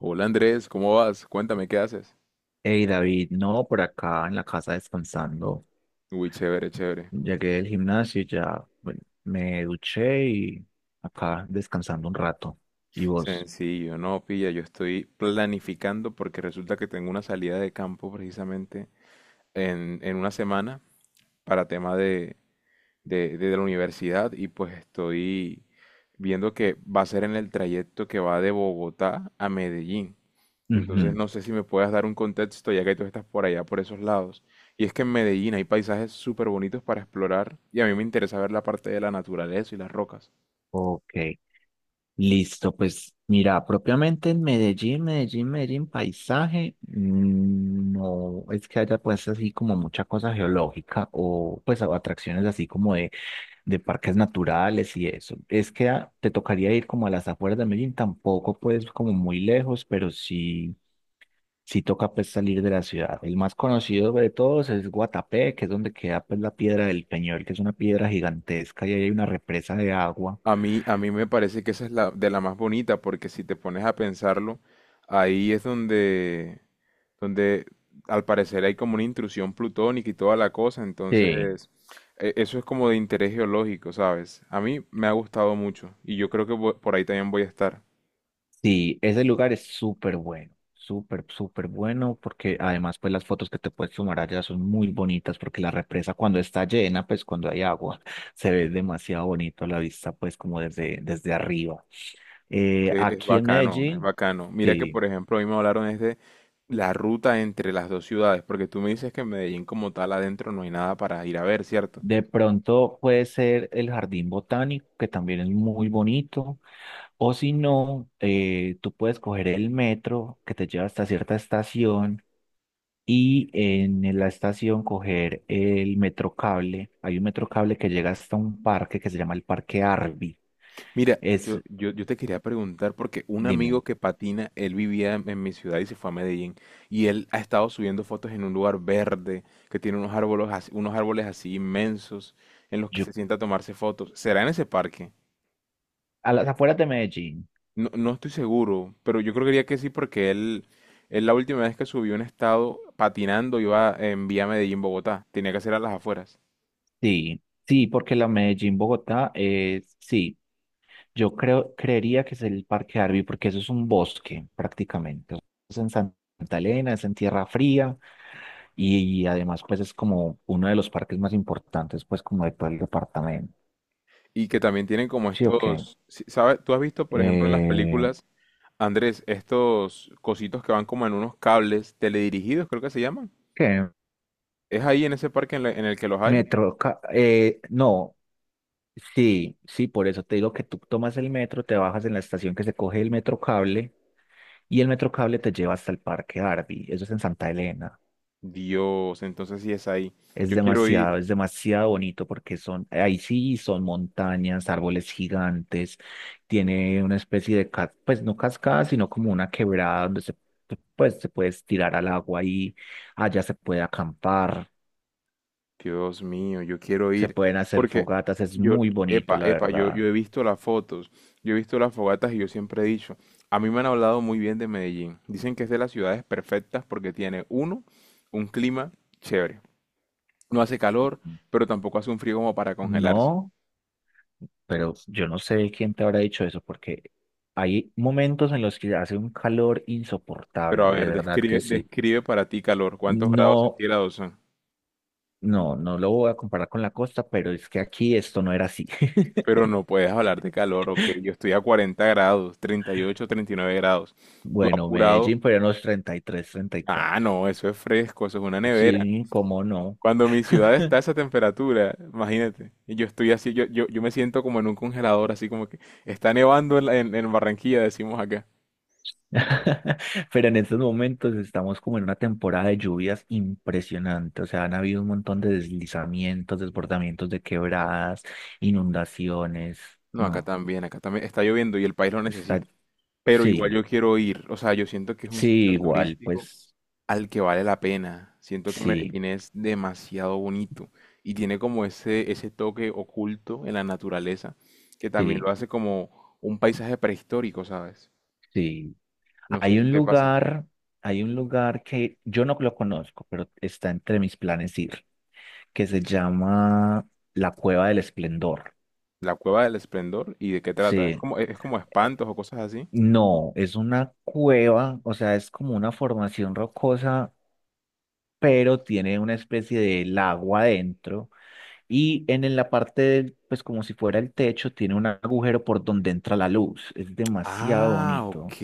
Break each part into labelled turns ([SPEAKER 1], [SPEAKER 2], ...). [SPEAKER 1] Hola Andrés, ¿cómo vas? Cuéntame, ¿qué haces?
[SPEAKER 2] Hey David, no, por acá en la casa descansando.
[SPEAKER 1] Uy, chévere, chévere.
[SPEAKER 2] Llegué del gimnasio y ya, bueno, me duché y acá descansando un rato. ¿Y vos?
[SPEAKER 1] Sencillo, no, pilla, yo estoy planificando porque resulta que tengo una salida de campo precisamente en una semana para tema de la universidad y pues estoy viendo que va a ser en el trayecto que va de Bogotá a Medellín. Entonces
[SPEAKER 2] Ujú.
[SPEAKER 1] no sé si me puedas dar un contexto ya que tú estás por allá, por esos lados. Y es que en Medellín hay paisajes súper bonitos para explorar y a mí me interesa ver la parte de la naturaleza y las rocas.
[SPEAKER 2] Ok, listo. Pues mira, propiamente en Medellín, paisaje, no es que haya pues así como mucha cosa geológica o pues atracciones así como de parques naturales y eso. Es que te tocaría ir como a las afueras de Medellín, tampoco pues como muy lejos, pero sí. Sí, toca pues salir de la ciudad. El más conocido de todos es Guatapé, que es donde queda pues la Piedra del Peñol, que es una piedra gigantesca y ahí hay una represa de agua.
[SPEAKER 1] A mí me parece que esa es la de la más bonita, porque si te pones a pensarlo, ahí es donde, donde al parecer hay como una intrusión plutónica y toda la cosa,
[SPEAKER 2] Sí,
[SPEAKER 1] entonces eso es como de interés geológico, ¿sabes? A mí me ha gustado mucho y yo creo que por ahí también voy a estar,
[SPEAKER 2] sí, ese lugar es súper bueno, súper, súper bueno, porque además pues las fotos que te puedes tomar allá son muy bonitas, porque la represa cuando está llena, pues cuando hay agua, se ve demasiado bonito la vista pues como desde arriba.
[SPEAKER 1] que es
[SPEAKER 2] Aquí en
[SPEAKER 1] bacano, es
[SPEAKER 2] Medellín.
[SPEAKER 1] bacano. Mira que
[SPEAKER 2] Sí.
[SPEAKER 1] por ejemplo hoy me hablaron es de la ruta entre las dos ciudades, porque tú me dices que en Medellín como tal adentro no hay nada para ir a ver, ¿cierto?
[SPEAKER 2] De pronto puede ser el jardín botánico, que también es muy bonito, o si no, tú puedes coger el metro que te lleva hasta cierta estación y en la estación coger el metro cable. Hay un metro cable que llega hasta un parque que se llama el Parque Arby.
[SPEAKER 1] Mira, yo,
[SPEAKER 2] Es,
[SPEAKER 1] yo, yo te quería preguntar porque un amigo
[SPEAKER 2] dime,
[SPEAKER 1] que patina, él vivía en mi ciudad y se fue a Medellín y él ha estado subiendo fotos en un lugar verde que tiene unos árboles, unos árboles así inmensos en los que
[SPEAKER 2] yo,
[SPEAKER 1] se sienta a tomarse fotos. ¿Será en ese parque?
[SPEAKER 2] a las afueras de Medellín.
[SPEAKER 1] No, no estoy seguro, pero yo creo que sí porque él la última vez que subió un estado patinando iba en vía Medellín, Bogotá. Tenía que ser a las afueras.
[SPEAKER 2] Sí, sí, porque la Medellín-Bogotá es, sí. Yo creería que es el Parque Arví, porque eso es un bosque prácticamente. Es en Santa Elena, es en tierra fría y, además pues es como uno de los parques más importantes pues como de todo el departamento.
[SPEAKER 1] Y que también tienen como
[SPEAKER 2] Sí, ok.
[SPEAKER 1] estos, ¿sabes? ¿Tú has visto, por ejemplo, en las
[SPEAKER 2] Eh,
[SPEAKER 1] películas? Andrés, estos cositos que van como en unos cables teledirigidos, creo que se llaman.
[SPEAKER 2] ¿Qué?
[SPEAKER 1] ¿Es ahí en ese parque en el que los hay?
[SPEAKER 2] No, sí, sí, por eso te digo que tú tomas el metro, te bajas en la estación que se coge el metro cable y el metro cable te lleva hasta el Parque Arví. Eso es en Santa Elena.
[SPEAKER 1] Dios, entonces sí es ahí.
[SPEAKER 2] Es
[SPEAKER 1] Yo quiero
[SPEAKER 2] demasiado,
[SPEAKER 1] ir.
[SPEAKER 2] es demasiado bonito porque son, ahí sí son montañas, árboles gigantes, tiene una especie de, pues no cascada, sino como una quebrada donde pues, se puede tirar al agua y allá se puede acampar,
[SPEAKER 1] Dios mío, yo quiero
[SPEAKER 2] se
[SPEAKER 1] ir.
[SPEAKER 2] pueden hacer
[SPEAKER 1] Porque
[SPEAKER 2] fogatas, es
[SPEAKER 1] yo,
[SPEAKER 2] muy bonito,
[SPEAKER 1] epa,
[SPEAKER 2] la
[SPEAKER 1] epa, yo
[SPEAKER 2] verdad.
[SPEAKER 1] he visto las fotos, yo he visto las fogatas y yo siempre he dicho, a mí me han hablado muy bien de Medellín. Dicen que es de las ciudades perfectas porque tiene, uno, un clima chévere. No hace calor, pero tampoco hace un frío como para congelarse.
[SPEAKER 2] No, pero yo no sé quién te habrá dicho eso porque hay momentos en los que hace un calor
[SPEAKER 1] Pero a
[SPEAKER 2] insoportable, de
[SPEAKER 1] ver,
[SPEAKER 2] verdad que
[SPEAKER 1] describe,
[SPEAKER 2] sí.
[SPEAKER 1] describe para ti calor. ¿Cuántos grados
[SPEAKER 2] No.
[SPEAKER 1] centígrados son?
[SPEAKER 2] No, no lo voy a comparar con la costa, pero es que aquí esto no era así.
[SPEAKER 1] Pero no puedes hablar de calor, ok. Yo estoy a 40 grados, 30, 38, 39 grados. Tú
[SPEAKER 2] Bueno,
[SPEAKER 1] apurado.
[SPEAKER 2] Medellín, pero en los 33, treinta y
[SPEAKER 1] Ah,
[SPEAKER 2] cuatro.
[SPEAKER 1] no, eso es fresco, eso es una nevera.
[SPEAKER 2] Sí, cómo no.
[SPEAKER 1] Cuando mi ciudad está a esa temperatura, imagínate. Y yo estoy así, yo me siento como en un congelador, así como que está nevando en, la- en Barranquilla, decimos acá.
[SPEAKER 2] Pero en estos momentos estamos como en una temporada de lluvias impresionante. O sea, han habido un montón de deslizamientos, desbordamientos de quebradas, inundaciones.
[SPEAKER 1] No, acá
[SPEAKER 2] No,
[SPEAKER 1] también, acá también está lloviendo y el país lo
[SPEAKER 2] está,
[SPEAKER 1] necesita. Pero igual
[SPEAKER 2] sí,
[SPEAKER 1] yo quiero ir. O sea, yo siento que es un
[SPEAKER 2] sí,
[SPEAKER 1] sitio
[SPEAKER 2] igual,
[SPEAKER 1] turístico
[SPEAKER 2] pues
[SPEAKER 1] al que vale la pena. Siento que
[SPEAKER 2] sí,
[SPEAKER 1] Medellín es demasiado bonito y tiene como ese toque oculto en la naturaleza que también
[SPEAKER 2] sí,
[SPEAKER 1] lo hace como un paisaje prehistórico, ¿sabes?
[SPEAKER 2] sí.
[SPEAKER 1] No sé
[SPEAKER 2] Hay
[SPEAKER 1] si
[SPEAKER 2] un
[SPEAKER 1] te pasa.
[SPEAKER 2] lugar, hay un lugar que yo no lo conozco, pero está entre mis planes ir, que se llama la Cueva del Esplendor.
[SPEAKER 1] La Cueva del Esplendor y de qué trata.
[SPEAKER 2] Sí,
[SPEAKER 1] Es como espantos o cosas así.
[SPEAKER 2] no, es una cueva, o sea, es como una formación rocosa, pero tiene una especie de lago adentro y en la parte pues como si fuera el techo, tiene un agujero por donde entra la luz. Es demasiado
[SPEAKER 1] Ah, ok.
[SPEAKER 2] bonito.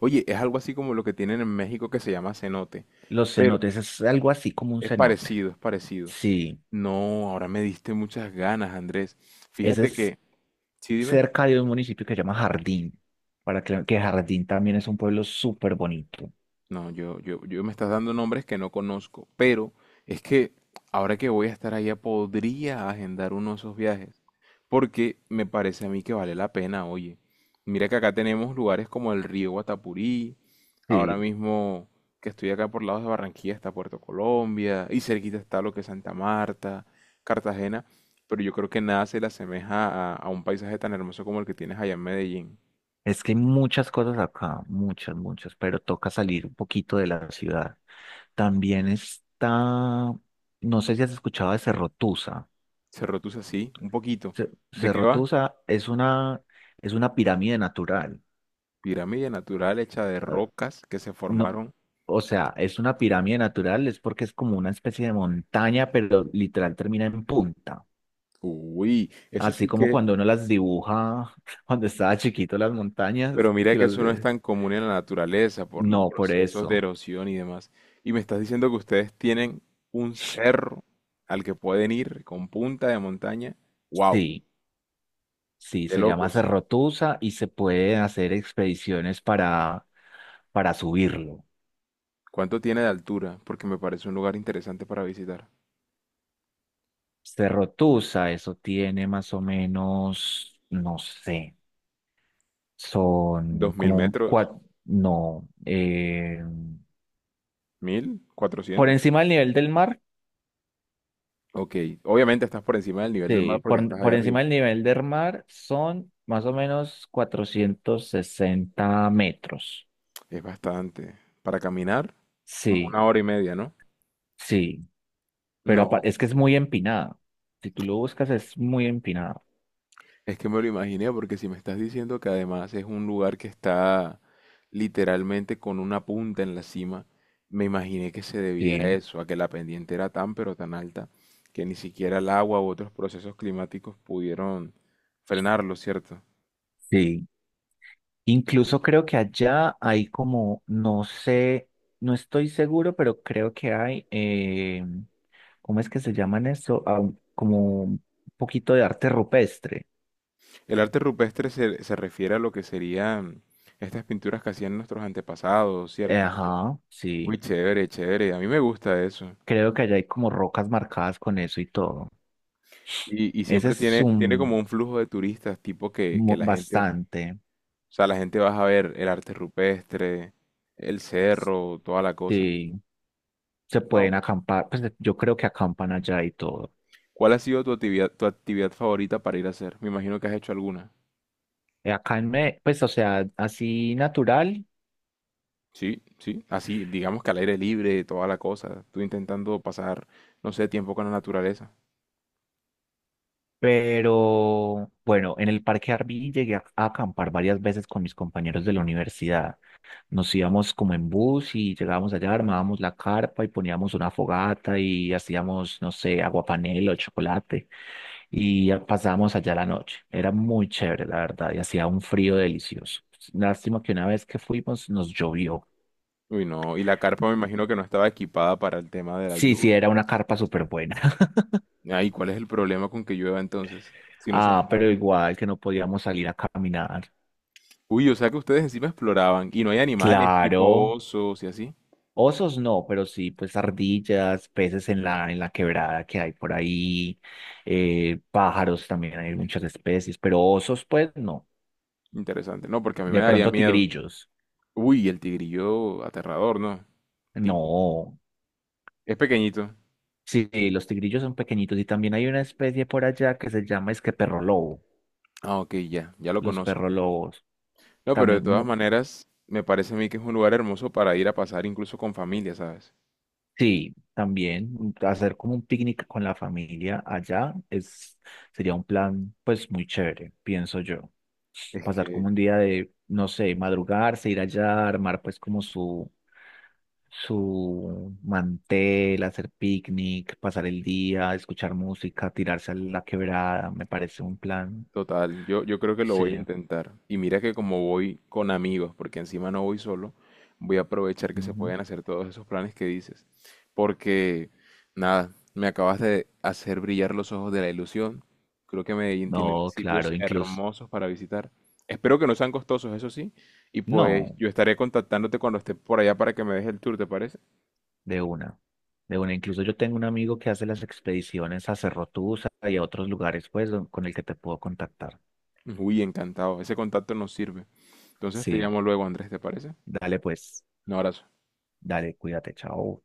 [SPEAKER 1] Oye, es algo así como lo que tienen en México que se llama cenote,
[SPEAKER 2] Los
[SPEAKER 1] pero
[SPEAKER 2] cenotes es algo así como un
[SPEAKER 1] es
[SPEAKER 2] cenote.
[SPEAKER 1] parecido, es parecido.
[SPEAKER 2] Sí.
[SPEAKER 1] No, ahora me diste muchas ganas, Andrés.
[SPEAKER 2] Ese
[SPEAKER 1] Fíjate
[SPEAKER 2] es.
[SPEAKER 1] que, sí, dime.
[SPEAKER 2] Cerca de un municipio que se llama Jardín, para que Jardín también es un pueblo súper bonito.
[SPEAKER 1] No, yo me estás dando nombres que no conozco, pero es que ahora que voy a estar allá podría agendar uno de esos viajes, porque me parece a mí que vale la pena, oye. Mira que acá tenemos lugares como el río Guatapurí, ahora
[SPEAKER 2] Sí,
[SPEAKER 1] mismo que estoy acá por lados de Barranquilla está Puerto Colombia, y cerquita está lo que es Santa Marta, Cartagena, pero yo creo que nada se le asemeja a un paisaje tan hermoso como el que tienes allá en Medellín.
[SPEAKER 2] es que hay muchas cosas acá, muchas, muchas, pero toca salir un poquito de la ciudad. También está, no sé si has escuchado de Cerro Tusa.
[SPEAKER 1] Cerro Tus así, un poquito. ¿De qué
[SPEAKER 2] Cerro
[SPEAKER 1] va?
[SPEAKER 2] Tusa es una pirámide natural.
[SPEAKER 1] Pirámide natural hecha de
[SPEAKER 2] Eh,
[SPEAKER 1] rocas que se
[SPEAKER 2] No,
[SPEAKER 1] formaron.
[SPEAKER 2] o sea, es una pirámide natural, es porque es como una especie de montaña, pero literal termina en punta.
[SPEAKER 1] Uy, eso
[SPEAKER 2] Así
[SPEAKER 1] sí
[SPEAKER 2] como
[SPEAKER 1] que,
[SPEAKER 2] cuando uno las dibuja cuando estaba chiquito las
[SPEAKER 1] pero
[SPEAKER 2] montañas,
[SPEAKER 1] mira
[SPEAKER 2] que
[SPEAKER 1] que
[SPEAKER 2] las...
[SPEAKER 1] eso no es
[SPEAKER 2] de-
[SPEAKER 1] tan común en la naturaleza por los
[SPEAKER 2] No, por
[SPEAKER 1] procesos de
[SPEAKER 2] eso.
[SPEAKER 1] erosión y demás. Y me estás diciendo que ustedes tienen un cerro al que pueden ir con punta de montaña. Wow,
[SPEAKER 2] Sí, sí,
[SPEAKER 1] de
[SPEAKER 2] se llama
[SPEAKER 1] locos.
[SPEAKER 2] Cerrotusa y se pueden hacer expediciones para subirlo.
[SPEAKER 1] ¿Cuánto tiene de altura? Porque me parece un lugar interesante para visitar.
[SPEAKER 2] Cerrotusa, eso tiene más o menos, no sé, son
[SPEAKER 1] ¿Dos mil
[SPEAKER 2] como
[SPEAKER 1] metros?
[SPEAKER 2] cuatro, no,
[SPEAKER 1] ¿1000?
[SPEAKER 2] por
[SPEAKER 1] ¿400?
[SPEAKER 2] encima del nivel del mar.
[SPEAKER 1] Ok, obviamente estás por encima del nivel del mar
[SPEAKER 2] Sí,
[SPEAKER 1] porque
[SPEAKER 2] por,
[SPEAKER 1] estás allá
[SPEAKER 2] por encima
[SPEAKER 1] arriba.
[SPEAKER 2] del nivel del mar son más o menos 460 metros.
[SPEAKER 1] Es bastante. Para caminar, como
[SPEAKER 2] Sí,
[SPEAKER 1] una hora y media, ¿no?
[SPEAKER 2] sí, pero
[SPEAKER 1] No,
[SPEAKER 2] es que es muy empinada. Si tú lo buscas, es muy empinada.
[SPEAKER 1] es que me lo imaginé porque si me estás diciendo que además es un lugar que está literalmente con una punta en la cima, me imaginé que se debía
[SPEAKER 2] Sí,
[SPEAKER 1] a eso, a que la pendiente era tan pero tan alta que ni siquiera el agua u otros procesos climáticos pudieron frenarlo, ¿cierto?
[SPEAKER 2] sí. Incluso creo que allá hay como, no sé, no estoy seguro, pero creo que hay, ¿cómo es que se llaman eso? Ah, como un poquito de arte rupestre.
[SPEAKER 1] El arte rupestre se refiere a lo que serían estas pinturas que hacían nuestros antepasados, ¿cierto?
[SPEAKER 2] Ajá,
[SPEAKER 1] Uy,
[SPEAKER 2] sí.
[SPEAKER 1] chévere, chévere, a mí me gusta eso.
[SPEAKER 2] Creo que allá hay como rocas marcadas con eso y todo.
[SPEAKER 1] Y
[SPEAKER 2] Ese
[SPEAKER 1] siempre
[SPEAKER 2] es
[SPEAKER 1] tiene como
[SPEAKER 2] un
[SPEAKER 1] un flujo de turistas, tipo que la gente...
[SPEAKER 2] bastante.
[SPEAKER 1] O sea, la gente vas a ver el arte rupestre, el cerro, toda la cosa.
[SPEAKER 2] Sí, se
[SPEAKER 1] No,
[SPEAKER 2] pueden acampar. Pues yo creo que acampan allá y todo.
[SPEAKER 1] ¿cuál ha sido tu actividad favorita para ir a hacer? Me imagino que has hecho alguna.
[SPEAKER 2] Acá en pues o sea, así natural,
[SPEAKER 1] Sí, sí, así, digamos que al aire libre, toda la cosa. Tú intentando pasar, no sé, tiempo con la naturaleza.
[SPEAKER 2] pero bueno, en el Parque Arví llegué a acampar varias veces con mis compañeros de la universidad. Nos íbamos como en bus y llegábamos allá, armábamos la carpa y poníamos una fogata y hacíamos, no sé, aguapanela o chocolate y ya pasábamos allá la noche. Era muy chévere, la verdad, y hacía un frío delicioso. Lástima que una vez que fuimos nos llovió.
[SPEAKER 1] Uy, no, y la carpa me imagino que no estaba equipada para el tema de la
[SPEAKER 2] Sí, sí,
[SPEAKER 1] lluvia.
[SPEAKER 2] era una carpa súper buena.
[SPEAKER 1] Ay, ¿cuál es el problema con que llueva entonces? Si no se
[SPEAKER 2] Ah, pero
[SPEAKER 1] mojaron.
[SPEAKER 2] igual que no podíamos salir a caminar.
[SPEAKER 1] Uy, o sea que ustedes encima exploraban y no hay animales tipo
[SPEAKER 2] Claro,
[SPEAKER 1] osos y así.
[SPEAKER 2] osos no, pero sí, pues ardillas, peces en la quebrada que hay por ahí, pájaros también hay muchas especies, pero osos pues no.
[SPEAKER 1] Interesante. No, porque a mí me
[SPEAKER 2] De
[SPEAKER 1] daría
[SPEAKER 2] pronto
[SPEAKER 1] miedo.
[SPEAKER 2] tigrillos,
[SPEAKER 1] Uy, el tigrillo aterrador, ¿no? Tipo.
[SPEAKER 2] no.
[SPEAKER 1] Es pequeñito.
[SPEAKER 2] Sí, sí, los tigrillos son pequeñitos y también hay una especie por allá que se llama es que perro lobo,
[SPEAKER 1] Ah, ok, ya, ya lo
[SPEAKER 2] los
[SPEAKER 1] conozco.
[SPEAKER 2] perro lobos,
[SPEAKER 1] No, pero de
[SPEAKER 2] también
[SPEAKER 1] todas maneras, me parece a mí que es un lugar hermoso para ir a pasar incluso con familia, ¿sabes?
[SPEAKER 2] Sí, también hacer como un picnic con la familia allá sería un plan pues muy chévere, pienso yo. Pasar como un día de, no sé, madrugarse, ir allá, armar pues como su mantel, hacer picnic, pasar el día, escuchar música, tirarse a la quebrada, me parece un plan.
[SPEAKER 1] Total, yo creo que lo voy a
[SPEAKER 2] Sí.
[SPEAKER 1] intentar. Y mira que como voy con amigos, porque encima no voy solo, voy a aprovechar que se
[SPEAKER 2] Ujú.
[SPEAKER 1] pueden hacer todos esos planes que dices. Porque, nada, me acabas de hacer brillar los ojos de la ilusión. Creo que Medellín tiene
[SPEAKER 2] No, claro,
[SPEAKER 1] sitios
[SPEAKER 2] incluso.
[SPEAKER 1] hermosos para visitar. Espero que no sean costosos, eso sí. Y pues
[SPEAKER 2] No.
[SPEAKER 1] yo estaré contactándote cuando esté por allá para que me des el tour, ¿te parece?
[SPEAKER 2] De una, de una. Incluso yo tengo un amigo que hace las expediciones a Cerro Tusa y a otros lugares, pues, con el que te puedo contactar.
[SPEAKER 1] Uy, encantado. Ese contacto nos sirve. Entonces te
[SPEAKER 2] Sí,
[SPEAKER 1] llamo luego, Andrés, ¿te parece?
[SPEAKER 2] dale, pues,
[SPEAKER 1] Un abrazo.
[SPEAKER 2] dale, cuídate, chao.